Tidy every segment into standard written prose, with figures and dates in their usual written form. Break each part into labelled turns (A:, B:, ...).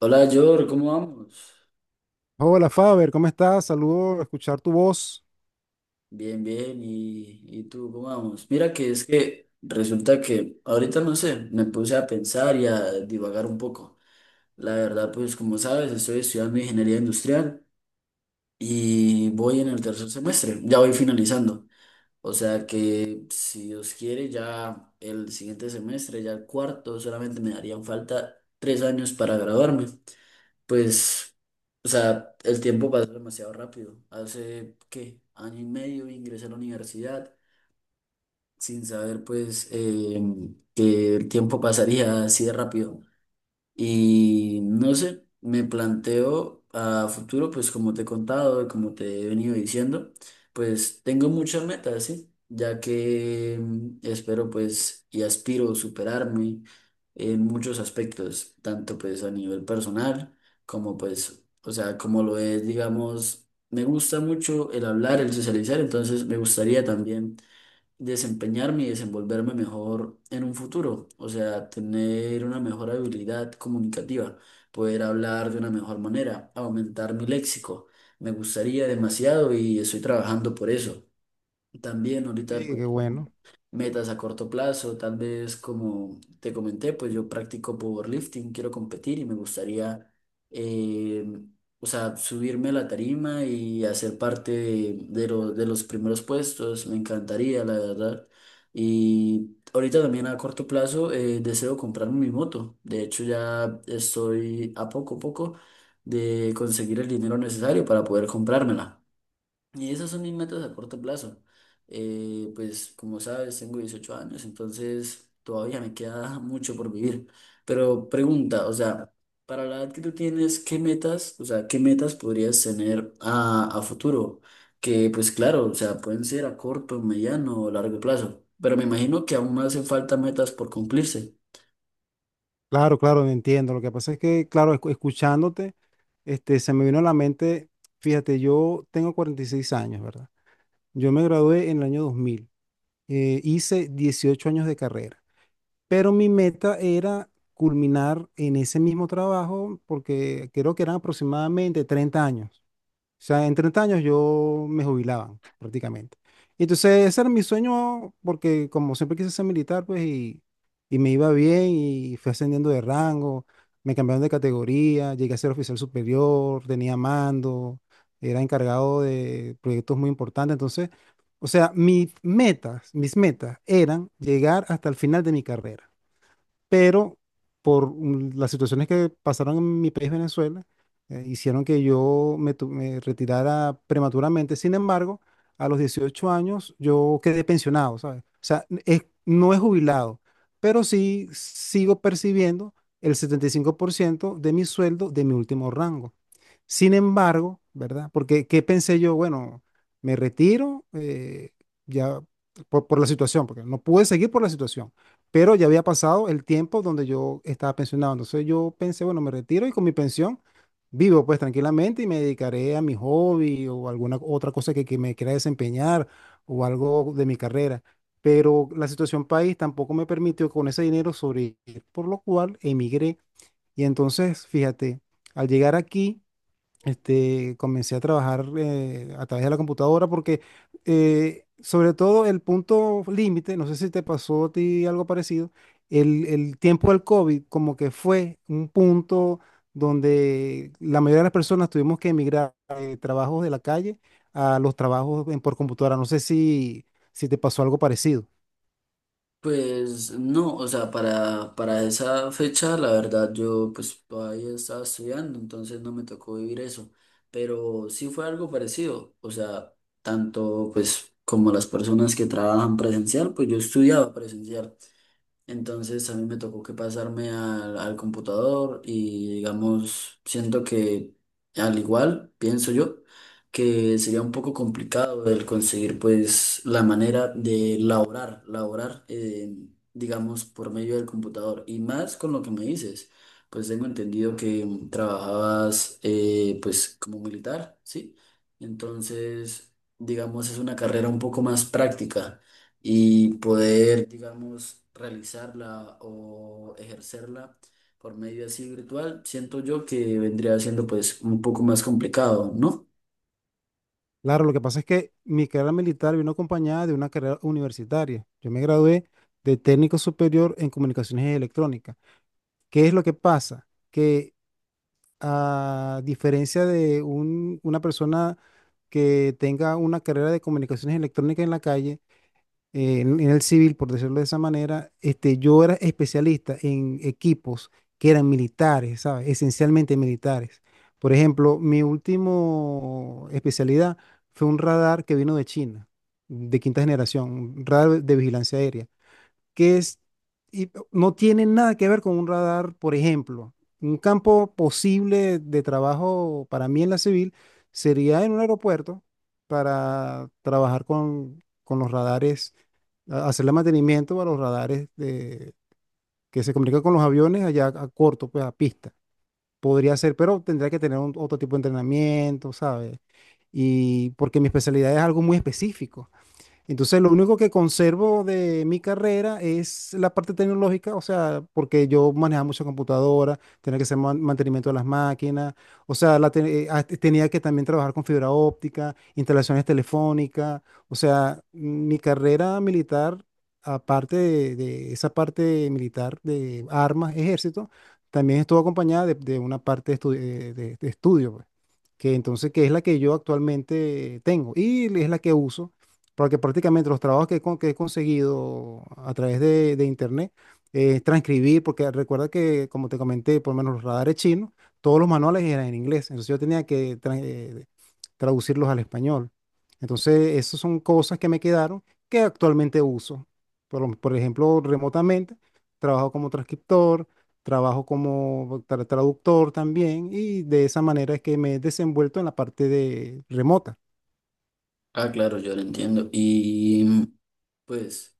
A: Hola, George, ¿cómo vamos?
B: Hola Faber, ¿cómo estás? Saludo, escuchar tu voz.
A: Bien, bien, ¿Y tú cómo vamos? Mira que es que resulta que ahorita no sé, me puse a pensar y a divagar un poco. La verdad, pues como sabes, estoy estudiando ingeniería industrial y voy en el tercer semestre, ya voy finalizando. O sea que si Dios quiere, ya el siguiente semestre, ya el cuarto, solamente me darían falta 3 años para graduarme. Pues, o sea, el tiempo pasa demasiado rápido. Hace, ¿qué? Año y medio ingresé a la universidad sin saber, pues, que el tiempo pasaría así de rápido. Y no sé, me planteo a futuro, pues como te he contado y como te he venido diciendo, pues tengo muchas metas, ¿sí? Ya que espero pues y aspiro superarme en muchos aspectos, tanto pues a nivel personal como pues, o sea, como lo es, digamos, me gusta mucho el hablar, el socializar, entonces me gustaría también desempeñarme y desenvolverme mejor en un futuro, o sea, tener una mejor habilidad comunicativa, poder hablar de una mejor manera, aumentar mi léxico. Me gustaría demasiado y estoy trabajando por eso. También ahorita,
B: Oye,
A: pues,
B: qué bueno.
A: metas a corto plazo, tal vez como te comenté, pues yo practico powerlifting, quiero competir y me gustaría, eh, o sea, subirme a la tarima y hacer parte de, de los primeros puestos, me encantaría, la verdad. Y ahorita también a corto plazo deseo comprarme mi moto, de hecho ya estoy a poco de conseguir el dinero necesario para poder comprármela. Y esas son mis metas a corto plazo. Pues como sabes, tengo 18 años, entonces todavía me queda mucho por vivir. Pero pregunta, o sea, para la edad que tú tienes, ¿qué metas, o sea, qué metas podrías tener a futuro? Que pues claro, o sea, pueden ser a corto, mediano o largo plazo. Pero me imagino que aún hacen falta metas por cumplirse.
B: Claro, claro, entiendo. Lo que pasa es que, claro, escuchándote, este, se me vino a la mente, fíjate, yo tengo 46 años, ¿verdad? Yo me gradué en el año 2000. Hice 18 años de carrera, pero mi meta era culminar en ese mismo trabajo porque creo que eran aproximadamente 30 años. O sea, en 30 años yo me jubilaba prácticamente. Y entonces ese era mi sueño porque como siempre quise ser militar, pues y me iba bien y fui ascendiendo de rango, me cambiaron de categoría, llegué a ser oficial superior, tenía mando, era encargado de proyectos muy importantes. Entonces, o sea, mis metas eran llegar hasta el final de mi carrera, pero por las situaciones que pasaron en mi país, Venezuela, hicieron que yo me retirara prematuramente. Sin embargo, a los 18 años yo quedé pensionado, ¿sabes? O sea, no he jubilado, pero sí sigo percibiendo el 75% de mi sueldo de mi último rango. Sin embargo, ¿verdad? Porque, ¿qué pensé yo? Bueno, me retiro ya por la situación, porque no pude seguir por la situación, pero ya había pasado el tiempo donde yo estaba pensionado. Entonces yo pensé, bueno, me retiro y con mi pensión vivo pues tranquilamente y me dedicaré a mi hobby o alguna otra cosa que me quiera desempeñar o algo de mi carrera. Pero la situación país tampoco me permitió con ese dinero sobrevivir, por lo cual emigré. Y entonces, fíjate, al llegar aquí este, comencé a trabajar a través de la computadora porque sobre todo el punto límite, no sé si te pasó a ti algo parecido, el tiempo del COVID como que fue un punto donde la mayoría de las personas tuvimos que emigrar de trabajos de la calle a los trabajos por computadora. No sé si, si te pasó algo parecido.
A: Pues no, o sea, para esa fecha, la verdad, yo pues todavía estaba estudiando, entonces no me tocó vivir eso, pero sí fue algo parecido, o sea, tanto pues como las personas que trabajan presencial, pues yo estudiaba presencial. Entonces a mí me tocó que pasarme al computador y digamos, siento que al igual, pienso yo, que sería un poco complicado el conseguir pues la manera de laborar, digamos, por medio del computador. Y más con lo que me dices, pues tengo entendido que trabajabas pues como militar, ¿sí? Entonces, digamos, es una carrera un poco más práctica y poder, digamos, realizarla o ejercerla por medio así virtual, siento yo que vendría siendo pues un poco más complicado, ¿no?
B: Claro, lo que pasa es que mi carrera militar vino acompañada de una carrera universitaria. Yo me gradué de técnico superior en comunicaciones electrónicas. ¿Qué es lo que pasa? Que a diferencia de una persona que tenga una carrera de comunicaciones electrónicas en la calle, en el civil, por decirlo de esa manera, este, yo era especialista en equipos que eran militares, ¿sabes? Esencialmente militares. Por ejemplo, mi último especialidad fue un radar que vino de China, de quinta generación, un radar de vigilancia aérea que es, y no tiene nada que ver con un radar, por ejemplo. Un campo posible de trabajo para mí en la civil sería en un aeropuerto para trabajar con los radares, hacerle mantenimiento a los radares que se comunican con los aviones allá a corto, pues a pista. Podría ser, pero tendría que tener otro tipo de entrenamiento, ¿sabes? Y porque mi especialidad es algo muy específico. Entonces, lo único que conservo de mi carrera es la parte tecnológica, o sea, porque yo manejaba mucha computadora, tenía que hacer mantenimiento de las máquinas, o sea, la te- ah, te- tenía que también trabajar con fibra óptica, instalaciones telefónicas, o sea, mi carrera militar, aparte de esa parte militar de armas, ejército, también estuvo acompañada de una parte de estudio, pues, que es la que yo actualmente tengo y es la que uso porque prácticamente los trabajos que, que he conseguido a través de internet es transcribir, porque recuerda que, como te comenté, por lo menos los radares chinos, todos los manuales eran en inglés, entonces yo tenía que traducirlos al español. Entonces, esas son cosas que me quedaron que actualmente uso. Por, por ejemplo, remotamente, trabajo como transcriptor, trabajo como traductor también, y de esa manera es que me he desenvuelto en la parte de remota.
A: Ah, claro, yo lo entiendo. Y pues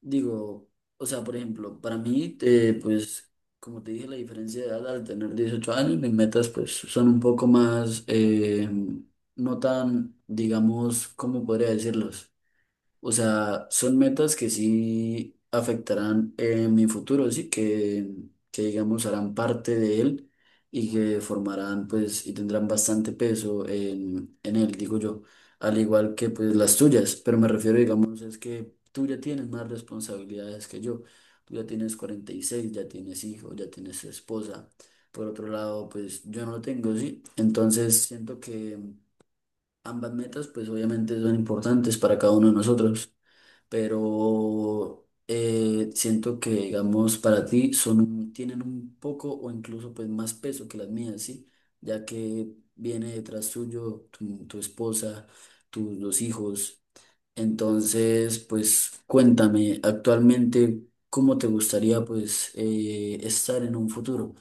A: digo, o sea, por ejemplo, para mí, pues como te dije, la diferencia de edad al tener 18 años, mis metas pues son un poco más, no tan, digamos, ¿cómo podría decirlos? O sea, son metas que sí afectarán en mi futuro, sí, que digamos harán parte de él y que formarán pues y tendrán bastante peso en él, digo yo, al igual que pues las tuyas, pero me refiero digamos es que tú ya tienes más responsabilidades que yo, tú ya tienes 46 ya tienes hijos, ya tienes esposa, por otro lado pues yo no lo tengo, sí, entonces siento que ambas metas pues obviamente son importantes para cada uno de nosotros pero siento que, digamos, para ti son tienen un poco o incluso pues más peso que las mías, ¿sí? Ya que viene detrás tuyo tu esposa, tus dos hijos. Entonces, pues cuéntame actualmente cómo te gustaría pues estar en un futuro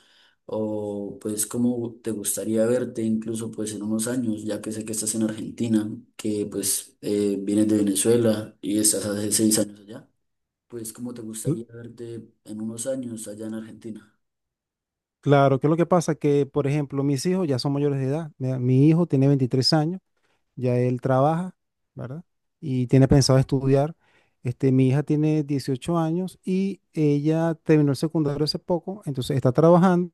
A: o pues cómo te gustaría verte incluso pues en unos años, ya que sé que estás en Argentina, que pues vienes de Venezuela y estás hace 6 años allá, pues cómo te gustaría verte en unos años allá en Argentina.
B: Claro, que lo que pasa que, por ejemplo, mis hijos ya son mayores de edad. Mira, mi hijo tiene 23 años, ya él trabaja, ¿verdad? Y tiene pensado estudiar. Este, mi hija tiene 18 años y ella terminó el secundario hace poco, entonces está trabajando,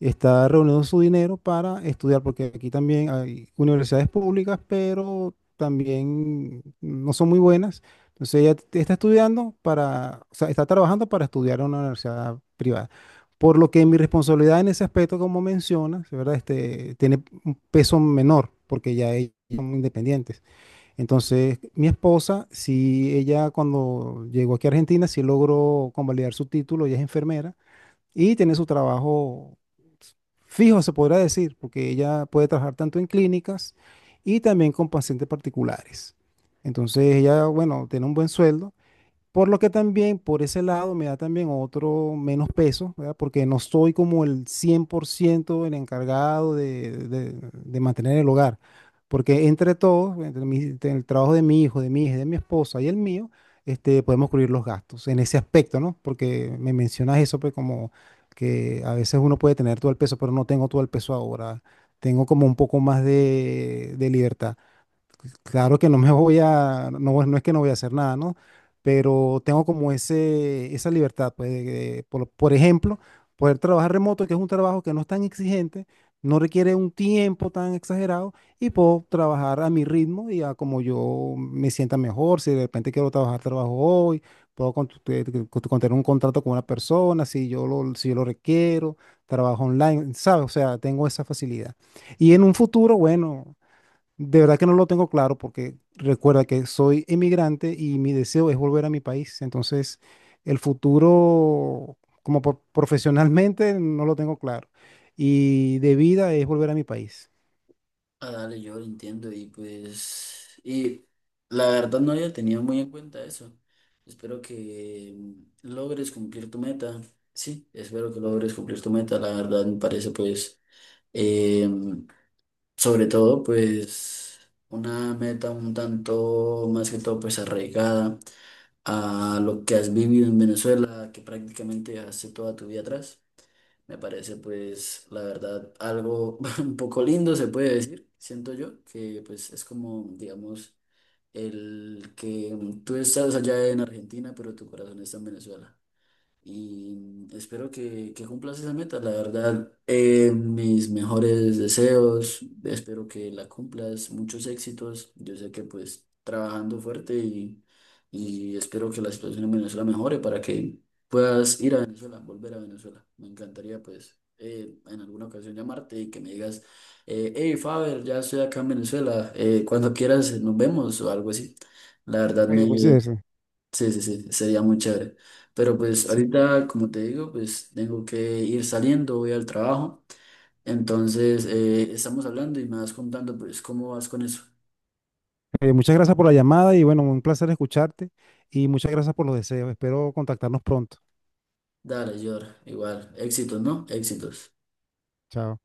B: está reuniendo su dinero para estudiar, porque aquí también hay universidades públicas, pero también no son muy buenas. Entonces ella está estudiando para, o sea, está trabajando para estudiar en una universidad privada. Por lo que mi responsabilidad en ese aspecto, como mencionas, ¿verdad? Este, tiene un peso menor, porque ya ellos son independientes. Entonces, mi esposa, si ella cuando llegó aquí a Argentina, sí logró convalidar su título, ella es enfermera y tiene su trabajo fijo, se podrá decir, porque ella puede trabajar tanto en clínicas y también con pacientes particulares. Entonces ella, bueno, tiene un buen sueldo por lo que también, por ese lado, me da también otro menos peso, ¿verdad? Porque no soy como el 100% el encargado de mantener el hogar. Porque entre todos, entre el trabajo de mi hijo, de mi hija, de mi esposa y el mío, este, podemos cubrir los gastos en ese aspecto, ¿no? Porque me mencionas eso, pues como que a veces uno puede tener todo el peso, pero no tengo todo el peso ahora. Tengo como un poco más de libertad. Claro que no me voy a, no, no es que no voy a hacer nada, ¿no? Pero tengo como ese, esa libertad, pues, por ejemplo, poder trabajar remoto, que es un trabajo que no es tan exigente, no requiere un tiempo tan exagerado y puedo trabajar a mi ritmo y a como yo me sienta mejor. Si de repente quiero trabajar, trabajo hoy, puedo tener un contrato con una persona, si yo lo, si yo lo requiero, trabajo online, ¿sabes? O sea, tengo esa facilidad. Y en un futuro, bueno. De verdad que no lo tengo claro porque recuerda que soy emigrante y mi deseo es volver a mi país. Entonces, el futuro como profesionalmente no lo tengo claro. Y de vida es volver a mi país.
A: Ah, dale, yo lo entiendo y pues, y la verdad no había tenido muy en cuenta eso. Espero que logres cumplir tu meta. Sí, espero que logres cumplir tu meta. La verdad me parece pues sobre todo, pues, una meta un tanto más que todo, pues, arraigada a lo que has vivido en Venezuela, que prácticamente hace toda tu vida atrás. Me parece, pues, la verdad, algo un poco lindo, se puede decir, siento yo, que pues es como, digamos, el que tú estás allá en Argentina, pero tu corazón está en Venezuela. Y espero que cumplas esa meta, la verdad. Mis mejores deseos, espero que la cumplas, muchos éxitos. Yo sé que pues trabajando fuerte y espero que la situación en Venezuela mejore para que puedas ir a Venezuela, volver a Venezuela. Me encantaría pues en alguna ocasión llamarte y que me digas, hey Faber, ya estoy acá en Venezuela, cuando quieras nos vemos o algo así. La verdad
B: Oye,
A: me.
B: Moisés,
A: Sí, sí, sí, sería muy chévere. Pero pues
B: sí.
A: ahorita, como te digo, pues tengo que ir saliendo, voy al trabajo. Entonces, estamos hablando y me vas contando pues cómo vas con eso.
B: Oye, muchas gracias por la llamada y bueno, un placer escucharte y muchas gracias por los deseos. Espero contactarnos pronto.
A: Dale, Yor, igual, éxitos, ¿no? Éxitos.
B: Chao.